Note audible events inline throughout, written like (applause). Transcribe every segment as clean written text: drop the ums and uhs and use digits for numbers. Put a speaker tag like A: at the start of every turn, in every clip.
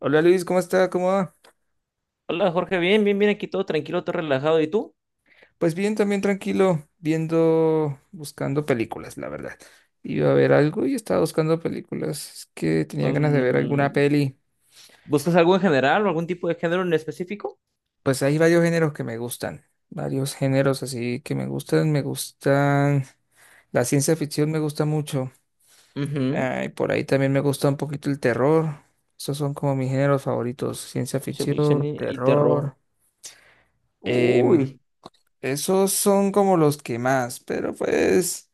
A: Hola Luis, ¿cómo está? ¿Cómo va?
B: Hola Jorge, bien, bien, bien, aquí todo tranquilo, todo relajado. ¿Y tú?
A: Pues bien, también tranquilo, viendo, buscando películas, la verdad. Iba a ver algo y estaba buscando películas. Es que tenía ganas de ver alguna
B: Mm,
A: peli.
B: ¿Buscas algo en general o algún tipo de género en específico?
A: Pues hay varios géneros que me gustan, varios géneros así que me gustan. Me gustan, la ciencia ficción me gusta mucho.
B: Ujú.
A: Ah, y por ahí también me gusta un poquito el terror. Esos son como mis géneros favoritos, ciencia
B: Ciencia ficción
A: ficción,
B: y terror.
A: terror. Em,
B: Uy.
A: Esos son como los que más, pero pues.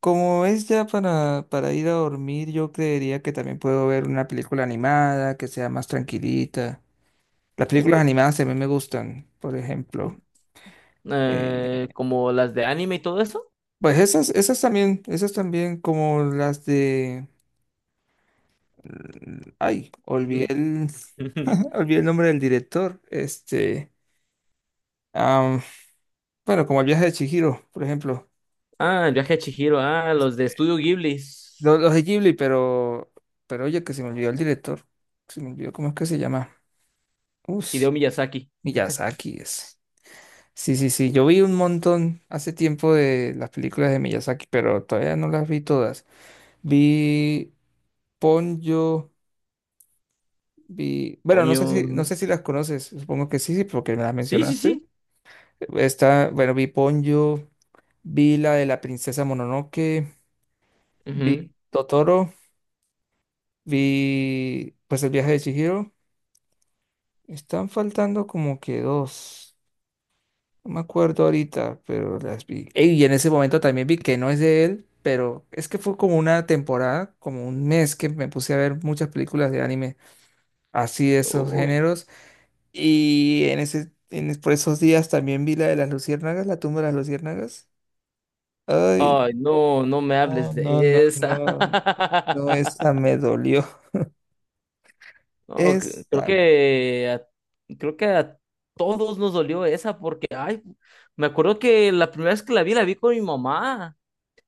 A: Como es ya para, ir a dormir, yo creería que también puedo ver una película animada que sea más tranquilita. Las películas animadas a mí me gustan, por ejemplo. eh,
B: Como las de anime y todo eso.
A: pues esas, esas también como las de. Ay,
B: Ujú. (laughs)
A: (laughs) olvidé el nombre del director. Este, am, bueno, como el viaje de Chihiro, por ejemplo.
B: Ah, el viaje a Chihiro, ah, los de Estudio Ghibli.
A: Los de Ghibli, pero oye, que se me olvidó el director. Se me olvidó cómo es que se llama. Uf,
B: Hideo Miyazaki.
A: Miyazaki es. Sí, sí, sí. Yo vi un montón hace tiempo de las películas de Miyazaki, pero todavía no las vi todas. Vi Ponyo, vi. Bueno, no
B: Coño.
A: sé si, no
B: Ujú.
A: sé si las conoces. Supongo que sí, sí, porque me las
B: Sí, sí,
A: mencionaste.
B: sí.
A: Bueno, vi Ponyo, vi la de la princesa Mononoke, vi
B: Ujú.
A: Totoro, vi pues el viaje de Chihiro. Están faltando como que dos. No me acuerdo ahorita, pero las vi. Ey, y en ese momento también vi que no es de él, pero es que fue como una temporada, como un mes que me puse a ver muchas películas de anime, así de esos
B: Uy.
A: géneros. Y en ese, en, es- por esos días también vi la de las luciérnagas, la tumba de las luciérnagas. Ay,
B: Ay, no, no me
A: no,
B: hables
A: no, no,
B: de esa.
A: no. No, esa
B: (laughs)
A: me dolió.
B: No, creo
A: Esa me...
B: que creo que a todos nos dolió esa porque ay, me acuerdo que la primera vez que la vi con mi mamá.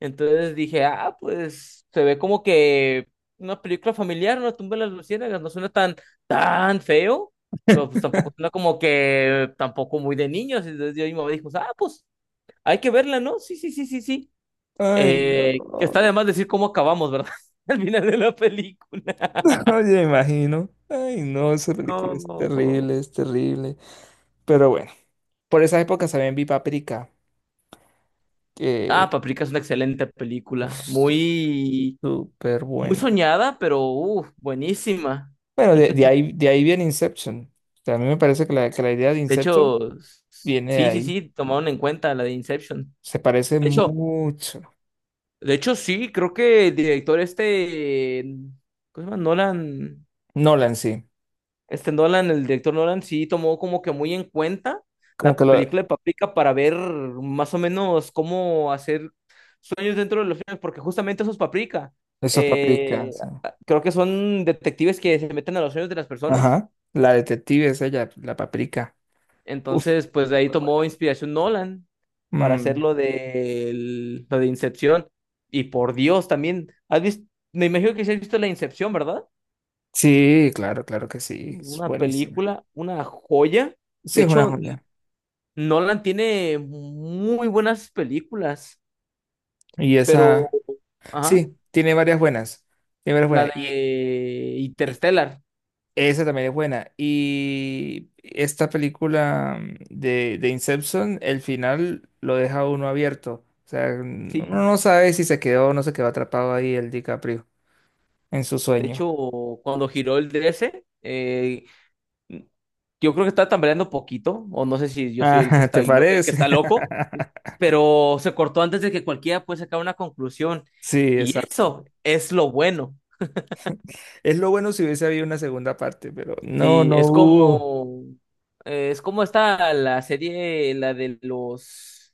B: Entonces dije, ah, pues se ve como que una película familiar, una tumba de las luciérnagas, no suena tan tan feo, pero pues
A: (laughs)
B: tampoco suena como que tampoco muy de niños. Entonces yo y mi mamá dijo, ah, pues hay que verla, ¿no? Sí, sí, sí, sí, sí.
A: Ay,
B: Que está
A: no.
B: de más decir cómo acabamos, ¿verdad? (laughs) Al final de la película.
A: (laughs) Oye, me imagino. Ay, no, esa película es
B: No.
A: terrible, es terrible. Pero bueno, por esa época también vi Paprika,
B: Ah,
A: que
B: Paprika es una excelente
A: uf,
B: película. Muy,
A: súper
B: muy
A: buena.
B: soñada, pero uf, buenísima.
A: Bueno, de, de
B: (laughs)
A: ahí, de ahí viene Inception. O sea, a mí me parece que la, idea de
B: De
A: Inception
B: hecho,
A: viene de
B: sí, sí,
A: ahí.
B: sí, tomaron en cuenta la de Inception.
A: Se parece
B: De hecho,
A: mucho.
B: de hecho, sí, creo que el director este, ¿cómo se llama? Nolan,
A: Nolan, sí.
B: este Nolan, el director Nolan sí tomó como que muy en cuenta
A: Como
B: la
A: que lo,
B: película de Paprika para ver más o menos cómo hacer sueños dentro de los sueños, porque justamente esos paprika,
A: eso es Paprika.
B: eh,
A: Sí.
B: creo que son detectives que se meten a los sueños de las personas.
A: Ajá. La detective es ella, la Paprika. Uf,
B: Entonces, pues de ahí
A: súper
B: tomó
A: buena.
B: inspiración Nolan para hacer
A: Mm,
B: lo de Incepción. Y por Dios, también, ¿has visto? Me imagino que sí has visto la Incepción, ¿verdad?
A: sí, claro, claro que sí. Es
B: Una
A: buenísima.
B: película, una joya.
A: Sí,
B: De
A: es una
B: hecho,
A: joya.
B: Nolan tiene muy buenas películas,
A: Y
B: pero,
A: esa,
B: ajá,
A: sí, tiene varias buenas. Tiene varias
B: la
A: buenas. Y,
B: de
A: y
B: Interstellar.
A: esa también es buena. Y esta película de Inception, el final lo deja a uno abierto. O sea, uno
B: Sí.
A: no sabe si se quedó o no se quedó atrapado ahí el DiCaprio en su
B: De
A: sueño.
B: hecho, cuando giró el 13, yo creo que estaba tambaleando poquito, o no sé si yo soy el que
A: Ah, (laughs)
B: está,
A: ¿te
B: ahí el que
A: parece?
B: está loco,
A: (laughs)
B: pero se cortó antes de que cualquiera pueda sacar una conclusión.
A: Sí,
B: Y
A: exacto.
B: eso es lo bueno.
A: Es lo bueno si hubiese habido una segunda parte, pero no,
B: Sí,
A: no
B: es
A: hubo.
B: como, eh, es como está la serie, la de los.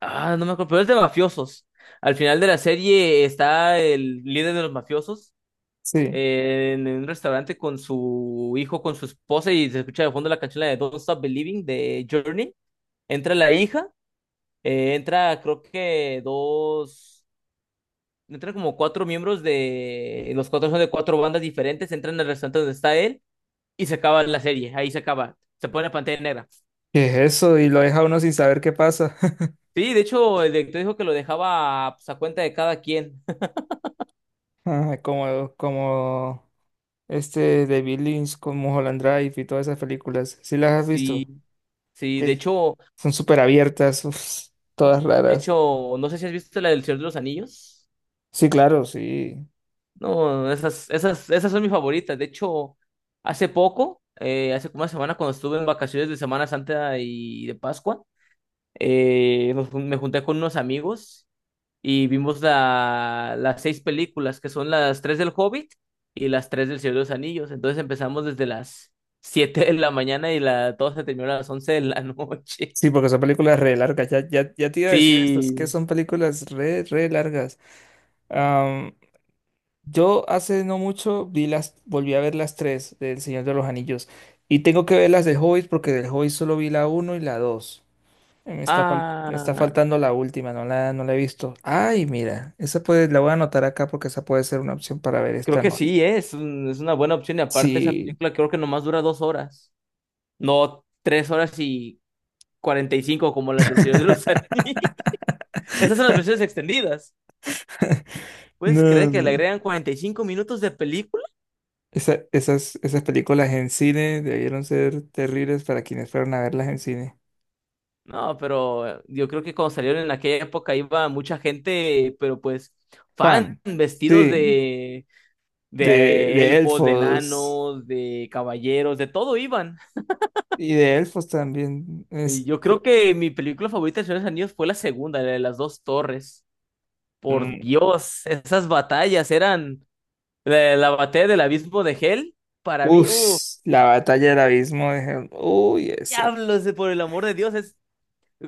B: Ah, no me acuerdo, pero es de mafiosos. Al final de la serie está el líder de los mafiosos
A: Sí.
B: en un restaurante con su hijo, con su esposa, y se escucha de fondo la canción la de Don't Stop Believing de Journey. Entra la hija, entra creo que dos, entran como cuatro miembros de, los cuatro son de cuatro bandas diferentes, entran al restaurante donde está él y se acaba la serie, ahí se acaba, se pone la pantalla negra.
A: ¿Qué es eso? Y lo deja a uno sin saber qué pasa. (laughs)
B: Sí, de hecho, el director dijo que lo dejaba pues, a cuenta de cada quien. (laughs)
A: Ah, como este de Lynch con Mulholland Drive y todas esas películas. ¿Sí las has visto?
B: Sí, sí, de
A: Que
B: hecho,
A: son súper abiertas, uf, todas raras.
B: no sé si has visto la del Señor de los Anillos.
A: Sí, claro, sí.
B: No, esas son mis favoritas. De hecho, hace poco, hace como una semana, cuando estuve en vacaciones de Semana Santa y de Pascua, me junté con unos amigos y vimos las seis películas, que son las tres del Hobbit y las tres del Señor de los Anillos. Entonces empezamos desde las 7 de la mañana y todo se terminó a las 11 de la noche.
A: Sí, porque
B: (laughs)
A: son películas re largas. Ya, ya, ya te iba a decir esto, es que
B: Sí.
A: son películas re largas. Am, yo hace no mucho vi las, volví a ver las tres del Señor de los Anillos. Y tengo que ver las del Hobbit porque del Hobbit solo vi la uno y la dos. Me está
B: Ah,
A: faltando la última, no la he visto. Ay, mira, la voy a anotar acá porque esa puede ser una opción para ver
B: creo
A: esta
B: que
A: noche.
B: sí, es una buena opción. Y aparte, esa
A: Sí.
B: película creo que nomás dura 2 horas. No 3 horas y 45 como las del Señor de los
A: (laughs)
B: Anillos. (laughs) Esas son las versiones extendidas. ¿Puedes creer que le
A: No.
B: agregan 45 minutos de película?
A: Esas películas en cine debieron ser terribles para quienes fueron a verlas en cine.
B: No, pero yo creo que cuando salieron en aquella época iba mucha gente, pero pues fan,
A: Pan,
B: vestidos
A: sí,
B: de,
A: de,
B: de
A: de
B: elfos, de
A: elfos
B: enanos, de caballeros, de todo iban.
A: y de elfos también.
B: Y yo creo que mi película favorita del Señor de los Anillos fue la segunda, la de las dos torres. Por
A: Mm,
B: Dios, esas batallas eran. La batalla del abismo de Hell, para mí,
A: uf, la batalla del abismo de Helm. Uy,
B: diablos, por el amor de Dios, es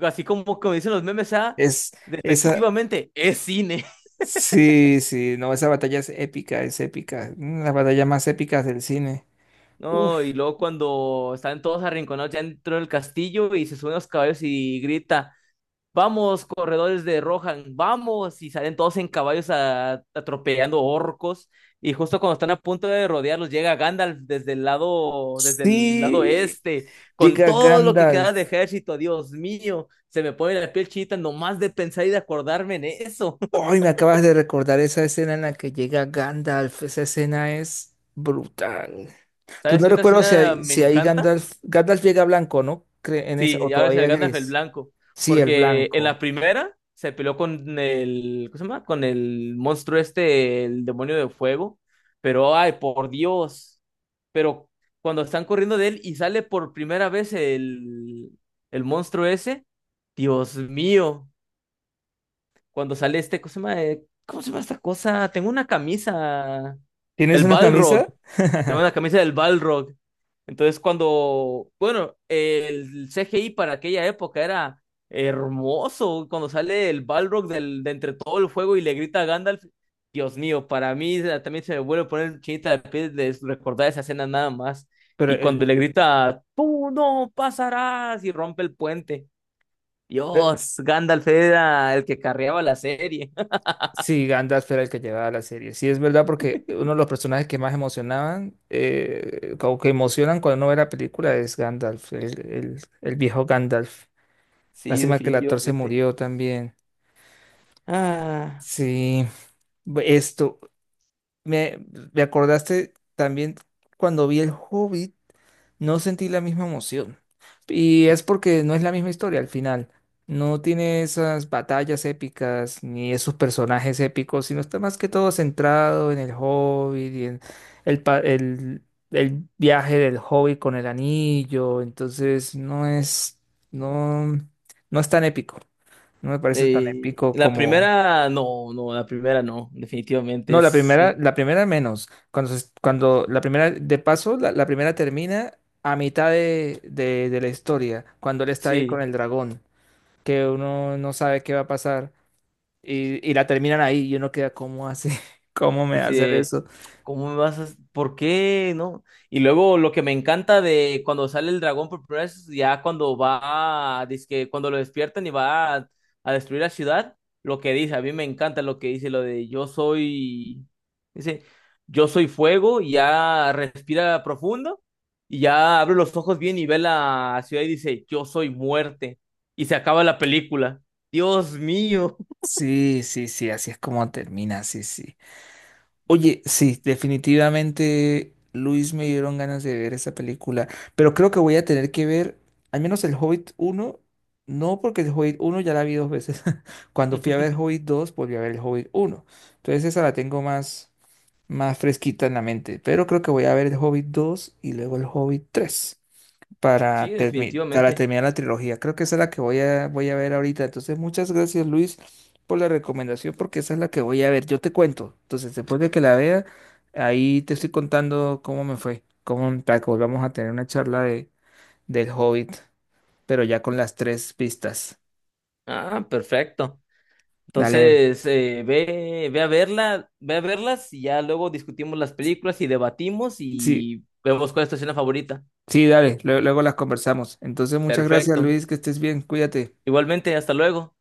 B: así como dicen los memes, ah,
A: es, esa,
B: efectivamente, es cine.
A: sí, sí, no, esa batalla es épica, es épica. Las batallas más épicas del cine.
B: (laughs) ¿No? Y
A: Uf,
B: luego cuando están todos arrinconados ya dentro del castillo y se suben los caballos y grita, vamos, corredores de Rohan, vamos. Y salen todos en caballos atropellando orcos. Y justo cuando están a punto de rodearlos, llega Gandalf desde el lado
A: sí,
B: este, con
A: llega
B: todo lo que queda de
A: Gandalf.
B: ejército. Dios mío, se me pone la piel chinita nomás de pensar y de acordarme en eso.
A: Hoy me acabas de recordar esa escena en la que llega Gandalf. Esa escena es brutal.
B: (laughs)
A: Pues
B: ¿Sabes
A: no
B: qué otra
A: recuerdo si
B: escena
A: ahí
B: me
A: si ahí
B: encanta?
A: Gandalf llega blanco, ¿no? En esa,
B: Sí,
A: o
B: y ahora es el
A: todavía
B: Gandalf el
A: gris.
B: blanco.
A: Sí, el
B: Porque en la
A: blanco.
B: primera se peleó con el, ¿cómo se llama? Con el monstruo este, el demonio de fuego. Pero, ay, por Dios. Pero cuando están corriendo de él y sale por primera vez el monstruo ese, Dios mío. Cuando sale este, ¿cómo se llama? ¿Cómo se llama esta cosa? Tengo una camisa.
A: ¿Tienes
B: El
A: una
B: Balrog.
A: camisa?
B: Tengo una
A: (laughs)
B: camisa del Balrog. Entonces, cuando, bueno, el CGI para aquella época era hermoso. Cuando sale el Balrog de entre todo el fuego y le grita a Gandalf, Dios mío, para mí también se me vuelve a poner chinita de piel de recordar esa escena nada más.
A: Pero
B: Y cuando
A: el-
B: le grita, tú no pasarás, y rompe el puente.
A: eh,
B: Dios, Gandalf era el que carreaba la serie. (laughs)
A: sí, Gandalf era el que llevaba la serie. Sí, es verdad porque uno de los personajes que más emocionaban, como que emocionan cuando uno ve la película es Gandalf, el viejo Gandalf.
B: Sí,
A: Lástima que el actor se
B: definitivamente.
A: murió también.
B: Ah,
A: Sí, bu- esto. Me, me acordaste también cuando vi El Hobbit, no sentí la misma emoción. Y es porque no es la misma historia al final. No tiene esas batallas épicas ni esos personajes épicos, sino está más que todo centrado en el Hobbit y en el, pa- el, el viaje del Hobbit con el anillo. Entonces no, no es tan épico. No me parece tan épico
B: la
A: como.
B: primera, no, no, la primera no, definitivamente
A: No, la
B: es.
A: primera, la primera menos. Cuando la primera, de paso, la primera termina a mitad de la historia, cuando él está ahí con
B: Sí,
A: el dragón, que uno no sabe qué va a pasar, y la terminan ahí, y uno queda, ¿cómo hace? (laughs) ¿Cómo me va a
B: así
A: hacer
B: de,
A: eso?
B: ¿cómo me vas a? ¿Por qué? ¿No? Y luego lo que me encanta de cuando sale el dragón por primera vez, ya cuando va, dizque cuando lo despiertan y va a destruir la ciudad, lo que dice, a mí me encanta lo que dice, lo de yo soy, dice, yo soy fuego, y ya respira profundo, y ya abre los ojos bien y ve la ciudad y dice, yo soy muerte, y se acaba la película. Dios mío.
A: Sí, sí, sí, así es como termina, sí, sí. Oye, sí, definitivamente Luis, me dieron ganas de ver esa película, pero creo que voy a tener que ver al menos el Hobbit uno, no, porque el Hobbit uno ya la vi dos veces. (laughs) Cuando fui a ver Hobbit
B: (laughs)
A: 2 volví a ver el Hobbit uno. Entonces esa la tengo más fresquita en la mente, pero creo que voy a ver el Hobbit 2 y luego el Hobbit 3
B: Sí,
A: para
B: definitivamente.
A: terminar la trilogía. Creo que esa es la que voy a ver ahorita. Entonces, muchas gracias, Luis, por la recomendación, porque esa es la que voy a ver. Yo te cuento. Entonces, después de que la vea, ahí te estoy contando cómo me fue, cómo para que volvamos a tener una charla del Hobbit, pero ya con las tres pistas.
B: Ah, perfecto.
A: Dale.
B: Entonces, ve a verla, ve a verlas y ya luego discutimos las películas y debatimos
A: Sí,
B: y vemos cuál es tu escena favorita.
A: sí, dale. Luego, las conversamos. Entonces, muchas gracias,
B: Perfecto.
A: Luis, que estés bien. Cuídate.
B: Igualmente, hasta luego.